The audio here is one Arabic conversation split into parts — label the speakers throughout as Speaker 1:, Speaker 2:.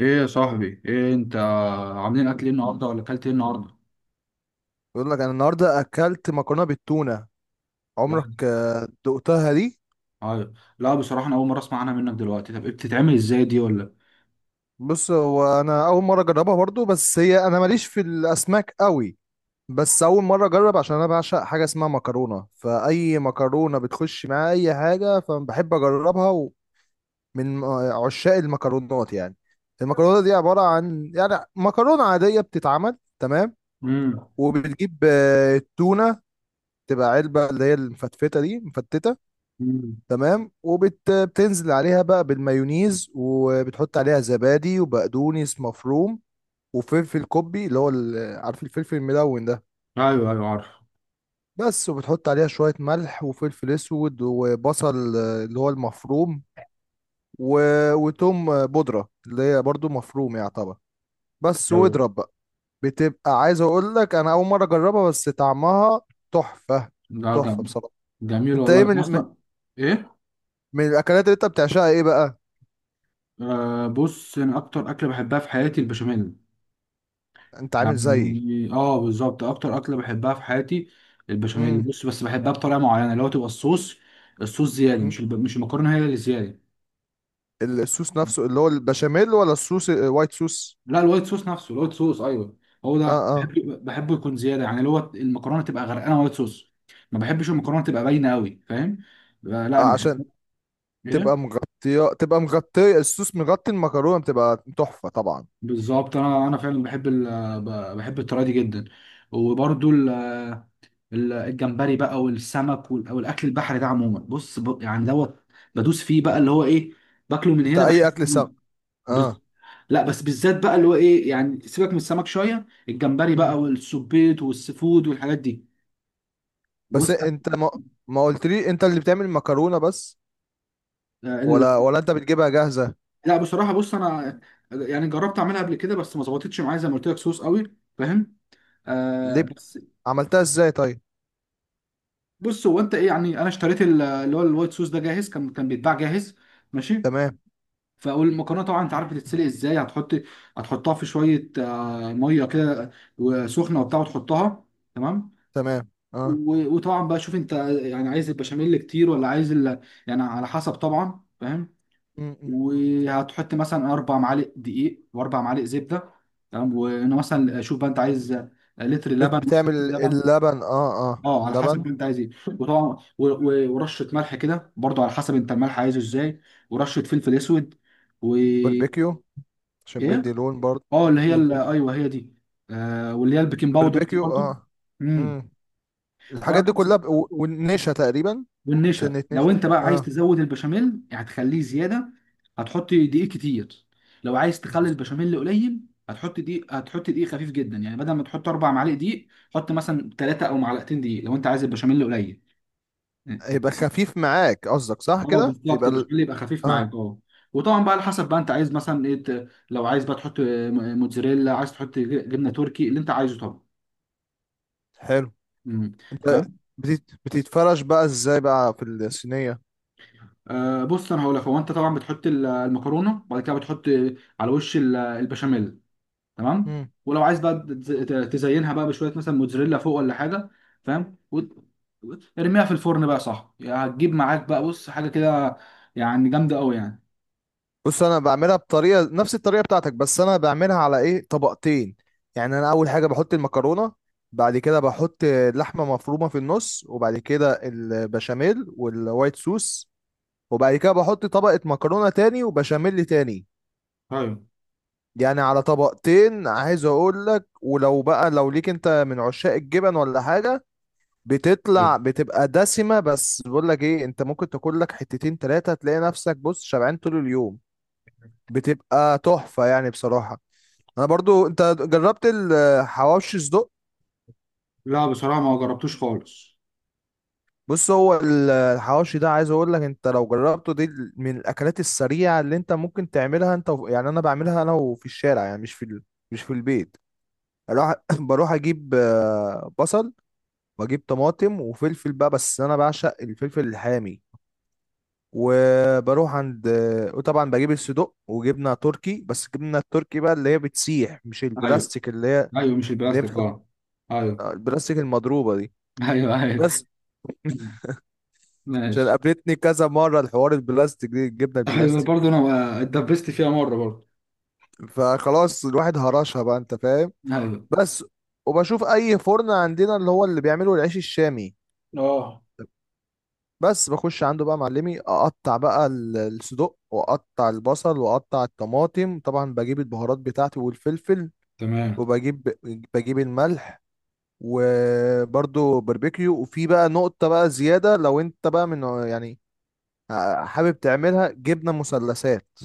Speaker 1: ايه يا صاحبي، ايه انت عاملين؟ اكل ايه النهارده، ولا اكلت ايه النهارده؟
Speaker 2: بيقول لك انا النهارده اكلت مكرونه بالتونه.
Speaker 1: لا.
Speaker 2: عمرك دقتها دي؟
Speaker 1: ايوه، لا بصراحه انا اول مره اسمع عنها منك دلوقتي. طب ايه بتتعمل ازاي دي ولا...
Speaker 2: بص، هو انا اول مره اجربها برضو، بس هي انا ماليش في الاسماك قوي. بس اول مره اجرب عشان انا بعشق حاجه اسمها مكرونه، فاي مكرونه بتخش معايا اي حاجه فبحب اجربها. ومن عشاق المكرونات يعني. المكرونه دي عباره عن يعني مكرونه عاديه بتتعمل، تمام،
Speaker 1: امم.
Speaker 2: وبتجيب التونه، تبقى علبه اللي هي المفتفته دي، مفتته،
Speaker 1: امم.
Speaker 2: تمام. وبتنزل عليها بقى بالمايونيز، وبتحط عليها زبادي وبقدونس مفروم وفلفل كوبي، اللي هو عارف الفلفل الملون ده؟
Speaker 1: ايوه ايوه، عارف.
Speaker 2: بس، وبتحط عليها شوية ملح وفلفل اسود وبصل اللي هو المفروم، وتوم بودرة، اللي هي برضو مفروم يعتبر. بس،
Speaker 1: ايوه.
Speaker 2: واضرب بقى. بتبقى عايز اقول لك انا اول مرة اجربها، بس طعمها تحفة.
Speaker 1: لا
Speaker 2: تحفة
Speaker 1: جم...
Speaker 2: بصراحة.
Speaker 1: جميل
Speaker 2: انت
Speaker 1: والله،
Speaker 2: ايه، من
Speaker 1: أنا
Speaker 2: من
Speaker 1: اصلا... ايه؟
Speaker 2: من الاكلات اللي انت بتعشقها ايه بقى؟
Speaker 1: آه، بص انا اكتر اكله بحبها في حياتي البشاميل.
Speaker 2: انت عامل زيي؟
Speaker 1: يعني اه، بالظبط اكتر اكله بحبها في حياتي البشاميل.
Speaker 2: امم.
Speaker 1: بص، بس بحبها بطريقه معينه، اللي هو تبقى الصوص. الصوص زياده،
Speaker 2: امم.
Speaker 1: مش المكرونه هي اللي زياده.
Speaker 2: الصوص نفسه اللي هو البشاميل، ولا الصوص الوايت صوص؟
Speaker 1: لا، الوايت صوص نفسه الوايت صوص، ايوه. هو
Speaker 2: اه،
Speaker 1: ده
Speaker 2: اه.
Speaker 1: بحبه يكون زياده، يعني اللي هو المكرونه تبقى غرقانه وايت صوص. ما بحبش المكرونه تبقى باينه قوي، فاهم. لا انا
Speaker 2: عشان
Speaker 1: بحب.
Speaker 2: تبقى
Speaker 1: ايه؟
Speaker 2: مغطية تبقى مغطية الصوص مغطي المكرونة بتبقى تحفة طبعا.
Speaker 1: بالظبط، انا فعلا بحب الطريقه دي جدا. وبرده ال... الجمبري بقى والسمك وال... والاكل البحري ده عموما، بص، يعني دوت. بدوس فيه بقى، اللي هو ايه، باكله من
Speaker 2: انت
Speaker 1: هنا
Speaker 2: اي
Speaker 1: بحس.
Speaker 2: اكل سم.
Speaker 1: بز...
Speaker 2: اه.
Speaker 1: لا، بس بالذات بقى اللي هو ايه، يعني سيبك من السمك شويه، الجمبري
Speaker 2: مم.
Speaker 1: بقى والسبيط والسفود والحاجات دي.
Speaker 2: بس
Speaker 1: بص.
Speaker 2: انت ما، ما قلتلي انت اللي بتعمل المكرونة بس،
Speaker 1: ال-
Speaker 2: ولا انت بتجيبها جاهزة؟
Speaker 1: لا بصراحه بص انا يعني جربت اعملها قبل كده بس ما ظبطتش معايا، زي ما قلت لك، صوص قوي فاهم.
Speaker 2: ليه
Speaker 1: آه بس.
Speaker 2: عملتها ازاي طيب؟
Speaker 1: بص، هو انت ايه؟ يعني انا اشتريت اللي هو الوايت صوص ده جاهز، كان بيتباع جاهز، ماشي.
Speaker 2: تمام،
Speaker 1: فالمكرونه طبعا انت عارف بتتسلق ازاي. هتحطها في شويه ميه كده وسخنه وبتاع، وتحطها، تمام.
Speaker 2: تمام، اه.
Speaker 1: وطبعا بقى شوف انت، يعني عايز البشاميل كتير ولا عايز ال... يعني على حسب طبعا، فاهم.
Speaker 2: مم، مم.
Speaker 1: وهتحط مثلا 4 معالق دقيق واربع معالق زبده، تمام. وانا مثلا شوف بقى، انت عايز لتر لبن نص
Speaker 2: بتعمل
Speaker 1: لتر لبن.
Speaker 2: اللبن، اه اه،
Speaker 1: اه على حسب
Speaker 2: اللبن.
Speaker 1: بقى انت عايز ايه. وطبعا ورشه ملح كده، برضو على حسب انت الملح عايزه ازاي، ورشه فلفل اسود. و ايه،
Speaker 2: باربيكيو، عشان بيدي لون برضه.
Speaker 1: اه، اللي هي ايوه، هي دي. آه، واللي هي البيكنج باودر دي
Speaker 2: البربيكيو،
Speaker 1: برضو.
Speaker 2: اه.
Speaker 1: امم.
Speaker 2: الحاجات دي كلها والنشا تقريبا.
Speaker 1: والنشا
Speaker 2: سنة
Speaker 1: لو
Speaker 2: نشا،
Speaker 1: انت بقى عايز
Speaker 2: اه.
Speaker 1: تزود البشاميل، يعني هتخليه زياده، هتحط دقيق كتير. لو عايز تخلي
Speaker 2: بز-
Speaker 1: البشاميل قليل، هتحط دقيق خفيف جدا. يعني بدل ما تحط 4 معالق دقيق، حط مثلا ثلاثه او معلقتين دقيق لو انت عايز البشاميل قليل.
Speaker 2: يبقى خفيف معاك، قصدك صح
Speaker 1: اه
Speaker 2: كده،
Speaker 1: بالظبط،
Speaker 2: يبقى
Speaker 1: البشاميل يبقى خفيف
Speaker 2: اه.
Speaker 1: معاك، اه. وطبعا بقى على حسب بقى انت عايز مثلا ايه. لو عايز بقى تحط موتزاريلا، عايز تحط جبنه تركي، اللي انت عايزه طبعا.
Speaker 2: حلو.
Speaker 1: امم.
Speaker 2: انت
Speaker 1: فاهم.
Speaker 2: بتتفرش بقى ازاي بقى في الصينية؟
Speaker 1: آه، بص انا هقول لك، هو انت طبعا بتحط المكرونه، وبعد كده بتحط على وش البشاميل، تمام.
Speaker 2: مم.
Speaker 1: ولو عايز بقى تزينها بقى بشويه مثلا موتزاريلا فوق ولا حاجه، فاهم. ارميها في الفرن بقى، صح، يعني هتجيب معاك بقى بص حاجه كده، يعني جامده قوي يعني.
Speaker 2: بص، انا بعملها بطريقة نفس الطريقة بتاعتك، بس انا بعملها على ايه، طبقتين. يعني انا اول حاجة بحط المكرونة، بعد كده بحط لحمة مفرومة في النص، وبعد كده البشاميل والوايت سوس، وبعد كده بحط طبقة مكرونة تاني وبشاميل تاني.
Speaker 1: ايوه
Speaker 2: يعني على طبقتين عايز اقول لك، ولو بقى لو ليك انت من عشاق الجبن ولا حاجه،
Speaker 1: ايوه.
Speaker 2: بتطلع بتبقى دسمه. بس بقول لك ايه، انت ممكن تاكل لك حتتين تلاتة تلاقي نفسك، بص، شبعان طول اليوم. بتبقى تحفه يعني بصراحه. انا برضو، انت جربت الحواوشي صدق؟
Speaker 1: لا بصراحه ما جربتوش خالص.
Speaker 2: بص، هو الحواوشي ده عايز اقول لك انت لو جربته دي، من الاكلات السريعه اللي انت ممكن تعملها، انت يعني انا بعملها انا، وفي الشارع يعني، مش في مش في البيت. اروح بروح اجيب بصل. بجيب طماطم وفلفل بقى، بس انا بعشق الفلفل الحامي. وبروح عند، وطبعا بجيب الصدوق وجبنه تركي، بس الجبنه التركي بقى اللي هي بتسيح، مش
Speaker 1: ايوه
Speaker 2: البلاستيك اللي هي،
Speaker 1: ايوه، مش
Speaker 2: اللي هي
Speaker 1: البلاستيك،
Speaker 2: بتحط
Speaker 1: اه. ايوه.
Speaker 2: البلاستيك المضروبه دي.
Speaker 1: ايوه ايوه.
Speaker 2: بس
Speaker 1: مم.
Speaker 2: عشان
Speaker 1: ماشي.
Speaker 2: قابلتني كذا مره الحوار البلاستيك دي، الجبنه
Speaker 1: ايوه،
Speaker 2: البلاستيك.
Speaker 1: برضه انا اتدبست فيها مره برضه.
Speaker 2: فخلاص الواحد هرشها بقى، انت فاهم.
Speaker 1: ايوه
Speaker 2: بس، وبشوف اي فرن عندنا، اللي هو اللي بيعملوا العيش الشامي.
Speaker 1: اه.
Speaker 2: بس بخش عنده بقى معلمي، اقطع بقى الصدق، واقطع البصل، واقطع الطماطم، طبعا بجيب البهارات بتاعتي والفلفل،
Speaker 1: تمام.
Speaker 2: وبجيب بجيب الملح، وبرده باربيكيو، وفي بقى نقطة بقى زيادة لو انت بقى من، يعني حابب تعملها جبنة مثلثات.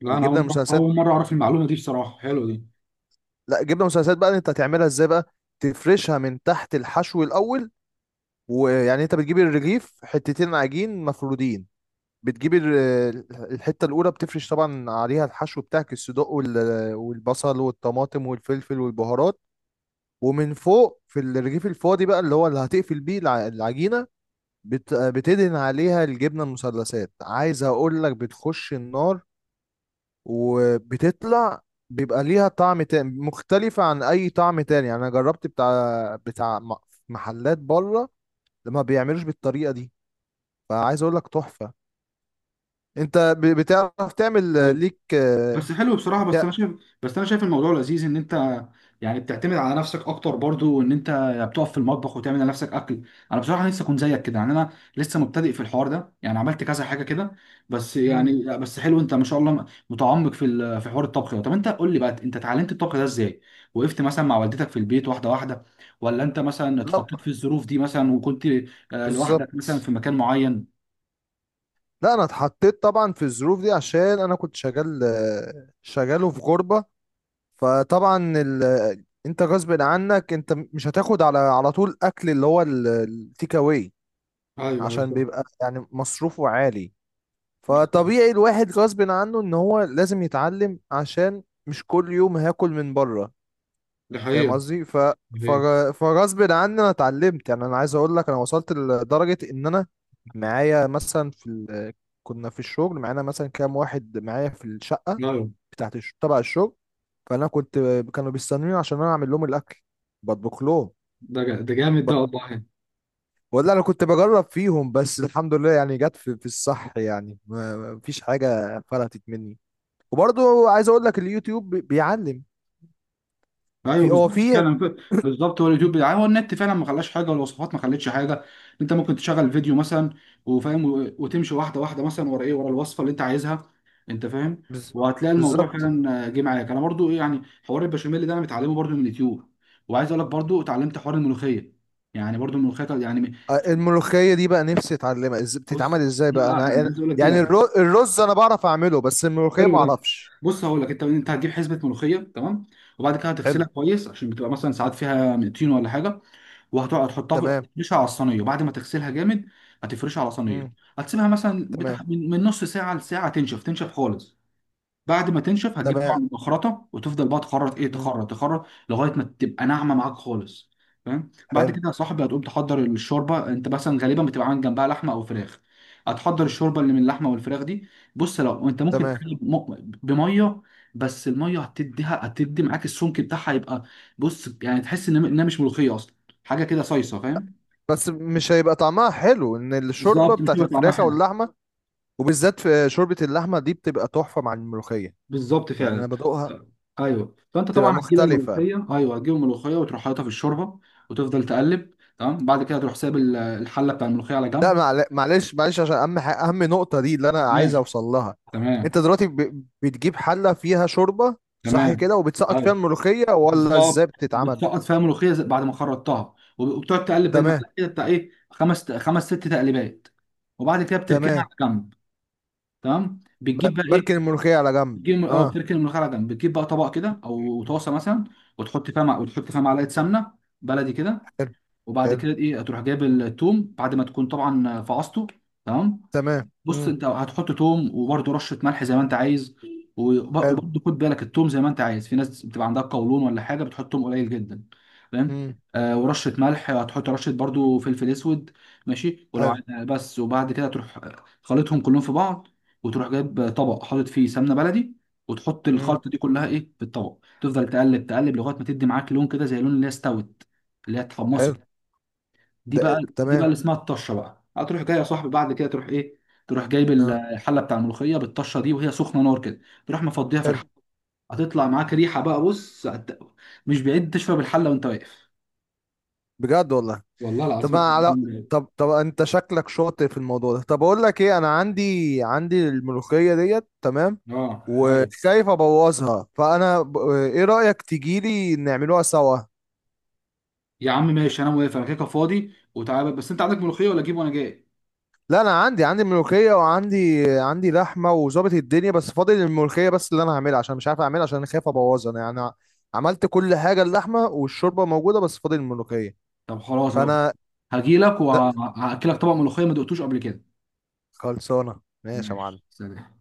Speaker 1: لا، انا
Speaker 2: الجبنة
Speaker 1: اول مره،
Speaker 2: المثلثات.
Speaker 1: اول مره اعرف المعلومه دي بصراحه، حلوه دي.
Speaker 2: لا، جبنة مثلثات بقى انت هتعملها ازاي بقى؟ تفرشها من تحت الحشو الاول. ويعني انت بتجيب الرغيف حتتين عجين مفرودين، بتجيب الحتة الأولى بتفرش طبعا عليها الحشو بتاعك، الصدوق والبصل والطماطم والفلفل والبهارات. ومن فوق في الرغيف الفاضي بقى، اللي هو اللي هتقفل بيه العجينة، بتدهن عليها الجبنة المثلثات، عايز أقول لك بتخش النار وبتطلع. بيبقى ليها طعم تاني، مختلفة عن أي طعم تاني، يعني أنا جربت بتاع محلات بره لما بيعملوش بالطريقة دي. فعايز أقول لك تحفة. أنت بتعرف تعمل ليك
Speaker 1: بس حلو بصراحة. بس
Speaker 2: يا-
Speaker 1: أنا شايف، بس أنا شايف الموضوع لذيذ، إن أنت يعني بتعتمد على نفسك أكتر برضو، وإن أنت بتقف في المطبخ وتعمل لنفسك أكل. أنا بصراحة لسه كنت زيك كده، يعني أنا لسه مبتدئ في الحوار ده، يعني عملت كذا حاجة كده بس.
Speaker 2: امم.
Speaker 1: يعني لا، بس حلو أنت ما شاء الله متعمق في في حوار الطبخ ده. طب أنت قول لي بقى، أنت اتعلمت الطبخ ده إزاي؟ وقفت مثلا مع والدتك في البيت واحدة واحدة، ولا أنت مثلا
Speaker 2: لا،
Speaker 1: اتحطيت في الظروف دي مثلا وكنت لوحدك مثلا
Speaker 2: بالظبط.
Speaker 1: في مكان معين؟
Speaker 2: لا، انا اتحطيت طبعا في الظروف دي عشان انا كنت شغال، شغال وفي غربة. فطبعا انت غصب عنك، انت مش هتاخد على طول اكل، اللي هو التيك اواي،
Speaker 1: ايوه ايوه
Speaker 2: عشان
Speaker 1: صح.
Speaker 2: بيبقى يعني مصروفه عالي.
Speaker 1: بز-
Speaker 2: فطبيعي الواحد غصب عنه ان هو لازم يتعلم، عشان مش كل يوم هاكل من بره،
Speaker 1: ده
Speaker 2: فاهم
Speaker 1: حقيقة.
Speaker 2: قصدي. ف،
Speaker 1: ده حقيقة.
Speaker 2: فغصب عني انا اتعلمت، يعني انا عايز اقول لك انا وصلت لدرجه ان انا معايا مثلا في كنا في الشغل معانا مثلا كام واحد معايا في الشقه
Speaker 1: لا
Speaker 2: بتاعت تبع الشغل. فانا كنت، كانوا بيستنوني عشان انا اعمل لهم الاكل، بطبخ لهم،
Speaker 1: ده جامد ده والله.
Speaker 2: ولا انا كنت بجرب فيهم، بس الحمد لله يعني جت في، في الصح يعني، ما فيش حاجه فلتت مني. وبرضو عايز اقول لك اليوتيوب بيعلم.
Speaker 1: ايوه
Speaker 2: في
Speaker 1: بالظبط
Speaker 2: هو في.
Speaker 1: فعلا بالظبط. هو اليوتيوب هو النت فعلا ما خلاش حاجه، والوصفات ما خلتش حاجه. انت ممكن تشغل فيديو مثلا وفاهم، وتمشي واحده واحده مثلا ورا ايه، ورا الوصفه اللي انت عايزها، انت فاهم.
Speaker 2: بز-
Speaker 1: وهتلاقي الموضوع
Speaker 2: بالظبط.
Speaker 1: فعلا جه معاك. انا برضو ايه، يعني حوار البشاميل ده انا متعلمه برضو من اليوتيوب. وعايز اقول لك برضو اتعلمت حوار الملوخيه. يعني برضو الملوخيه يعني...
Speaker 2: الملوخية دي بقى نفسي اتعلمها، بتتعمل
Speaker 1: بص،
Speaker 2: ازاي
Speaker 1: دي
Speaker 2: بقى
Speaker 1: بقى
Speaker 2: انا
Speaker 1: انا عايز اقول لك دي
Speaker 2: يعني
Speaker 1: لا.
Speaker 2: الرز انا بعرف اعمله، بس الملوخية
Speaker 1: حلو
Speaker 2: ما
Speaker 1: ده.
Speaker 2: اعرفش.
Speaker 1: بص هقول لك، انت هتجيب حزمه ملوخيه، تمام. وبعد كده
Speaker 2: حلو.
Speaker 1: هتغسلها كويس، عشان بتبقى مثلا ساعات فيها طين ولا حاجه. وهتقعد تحطها في
Speaker 2: تمام.
Speaker 1: تفرشها على الصينيه، وبعد ما تغسلها جامد هتفرشها على صينيه.
Speaker 2: مم.
Speaker 1: هتسيبها مثلا بتاع
Speaker 2: تمام،
Speaker 1: من نص ساعه لساعه، تنشف تنشف خالص. بعد ما تنشف، هتجيب طبعا
Speaker 2: تمام.
Speaker 1: المخرطه، وتفضل بقى تخرط ايه،
Speaker 2: مم.
Speaker 1: تخرط تخرط لغايه ما تبقى ناعمه معاك خالص، فاهم. بعد
Speaker 2: حلو.
Speaker 1: كده يا صاحبي هتقوم تحضر الشوربه، انت مثلا غالبا بتبقى عامل جنبها لحمه او فراخ. هتحضر الشوربه اللي من اللحمه والفراخ دي. بص لو انت ممكن
Speaker 2: تمام.
Speaker 1: تعمل بميه بس، الميه هتدي معاك السمك بتاعها، يبقى بص يعني تحس ان انها مش ملوخيه اصلا، حاجه كده صيصه، فاهم.
Speaker 2: بس مش هيبقى طعمها حلو، ان الشوربة
Speaker 1: بالظبط، مش
Speaker 2: بتاعت
Speaker 1: هيبقى طعمها
Speaker 2: الفراخ او
Speaker 1: حلو.
Speaker 2: اللحمة. وبالذات في شوربة اللحمة دي، بتبقى تحفة مع الملوخية،
Speaker 1: بالظبط
Speaker 2: يعني انا
Speaker 1: فعلا.
Speaker 2: بدوقها.
Speaker 1: طيب. ايوه، فانت
Speaker 2: بتبقى
Speaker 1: طبعا هتجيب
Speaker 2: مختلفة.
Speaker 1: الملوخيه، ايوه هتجيب الملوخيه، وتروح حاططها في الشوربه وتفضل تقلب، تمام. بعد كده تروح سايب الحله بتاع الملوخيه على
Speaker 2: لا،
Speaker 1: جنب،
Speaker 2: معلش، معلش عشان اهم اهم نقطة دي اللي انا
Speaker 1: تمام.
Speaker 2: عايز اوصل لها. انت
Speaker 1: تمام.
Speaker 2: دلوقتي بتجيب حلة فيها شوربة صح
Speaker 1: تمام.
Speaker 2: كده، وبتسقط فيها
Speaker 1: ايوه،
Speaker 2: الملوخية، ولا ازاي
Speaker 1: بالظبط
Speaker 2: بتتعمل؟
Speaker 1: بتسقط فيها ملوخيه زي- بعد ما خرطتها، وبتقعد تقلب
Speaker 2: تمام،
Speaker 1: بالمعلقه كده، بتاع ايه، خمس خمس ست تقليبات. وبعد كده بتركنها على
Speaker 2: تمام،
Speaker 1: جنب، تمام. بتجيب بقى
Speaker 2: بركن
Speaker 1: ايه،
Speaker 2: الملوخية على جنب،
Speaker 1: بتجيب اه،
Speaker 2: اه.
Speaker 1: بتركن الملوخيه على جنب، بتجيب بقى طبق كده او طاسه مثلا، وتحط فيها معلقه سمنه بلدي كده.
Speaker 2: حلو.
Speaker 1: وبعد
Speaker 2: حلو،
Speaker 1: كده ايه، هتروح جايب التوم بعد ما تكون طبعا فعصته، تمام.
Speaker 2: تمام،
Speaker 1: بص
Speaker 2: امم.
Speaker 1: انت هتحط توم، وبرده رشه ملح زي ما انت عايز.
Speaker 2: حلو،
Speaker 1: وبرده خد بالك، التوم زي ما انت عايز، في ناس بتبقى عندها قولون ولا حاجه بتحط توم قليل جدا، فاهم.
Speaker 2: امم.
Speaker 1: آه، ورشه ملح، هتحط رشه برده فلفل اسود، ماشي. ولو
Speaker 2: حلو،
Speaker 1: عايز بس، وبعد كده تروح خلطهم كلهم في بعض، وتروح جايب طبق حاطط فيه سمنه بلدي، وتحط
Speaker 2: امم.
Speaker 1: الخلطه دي كلها ايه في الطبق، تفضل تقلب تقلب لغايه ما تدي معاك لون كده زي لون اللي هي استوت، اللي هي
Speaker 2: حلو.
Speaker 1: اتحمصت. دي
Speaker 2: ده
Speaker 1: بقى دي بقى
Speaker 2: تمام،
Speaker 1: اللي اسمها الطشه بقى. هتروح جاي يا صاحبي بعد كده تروح ايه، تروح جايب
Speaker 2: اه.
Speaker 1: الحله بتاع الملوخيه بالطشه دي، وهي سخنه نار كده، تروح مفضيها في
Speaker 2: حلو،
Speaker 1: الحله. هتطلع معاك ريحه بقى، بص مش بعيد تشرب الحله وانت واقف.
Speaker 2: بجد والله.
Speaker 1: والله
Speaker 2: طب
Speaker 1: العظيم هتبقى
Speaker 2: انا على،
Speaker 1: بعيد.
Speaker 2: طب طب انت شكلك شاطر في الموضوع ده، طب اقول لك ايه، انا عندي الملوخيه ديت، تمام،
Speaker 1: اه ايوه.
Speaker 2: وخايف ابوظها. فانا ايه رايك تجيلي نعملوها سوا؟
Speaker 1: يا عم ماشي، انا موافق، انا كده كده فاضي، وتعالى، بس انت عندك ملوخيه ولا اجيب وانا جاي؟
Speaker 2: لا، انا عندي ملوخيه، وعندي لحمه، وظابط الدنيا، بس فاضل الملوخيه بس اللي انا هعملها، عشان مش عارف اعملها، عشان انا خايف ابوظها انا يعني. عملت كل حاجه، اللحمه والشوربه موجوده، بس فاضل الملوخيه.
Speaker 1: طب خلاص لو كده،
Speaker 2: فانا
Speaker 1: هجيلك
Speaker 2: ده
Speaker 1: وهاكلك طبق ملوخيه ما دقتوش قبل كده.
Speaker 2: خلصانه، ماشي يا
Speaker 1: ماشي،
Speaker 2: معلم.
Speaker 1: سلام.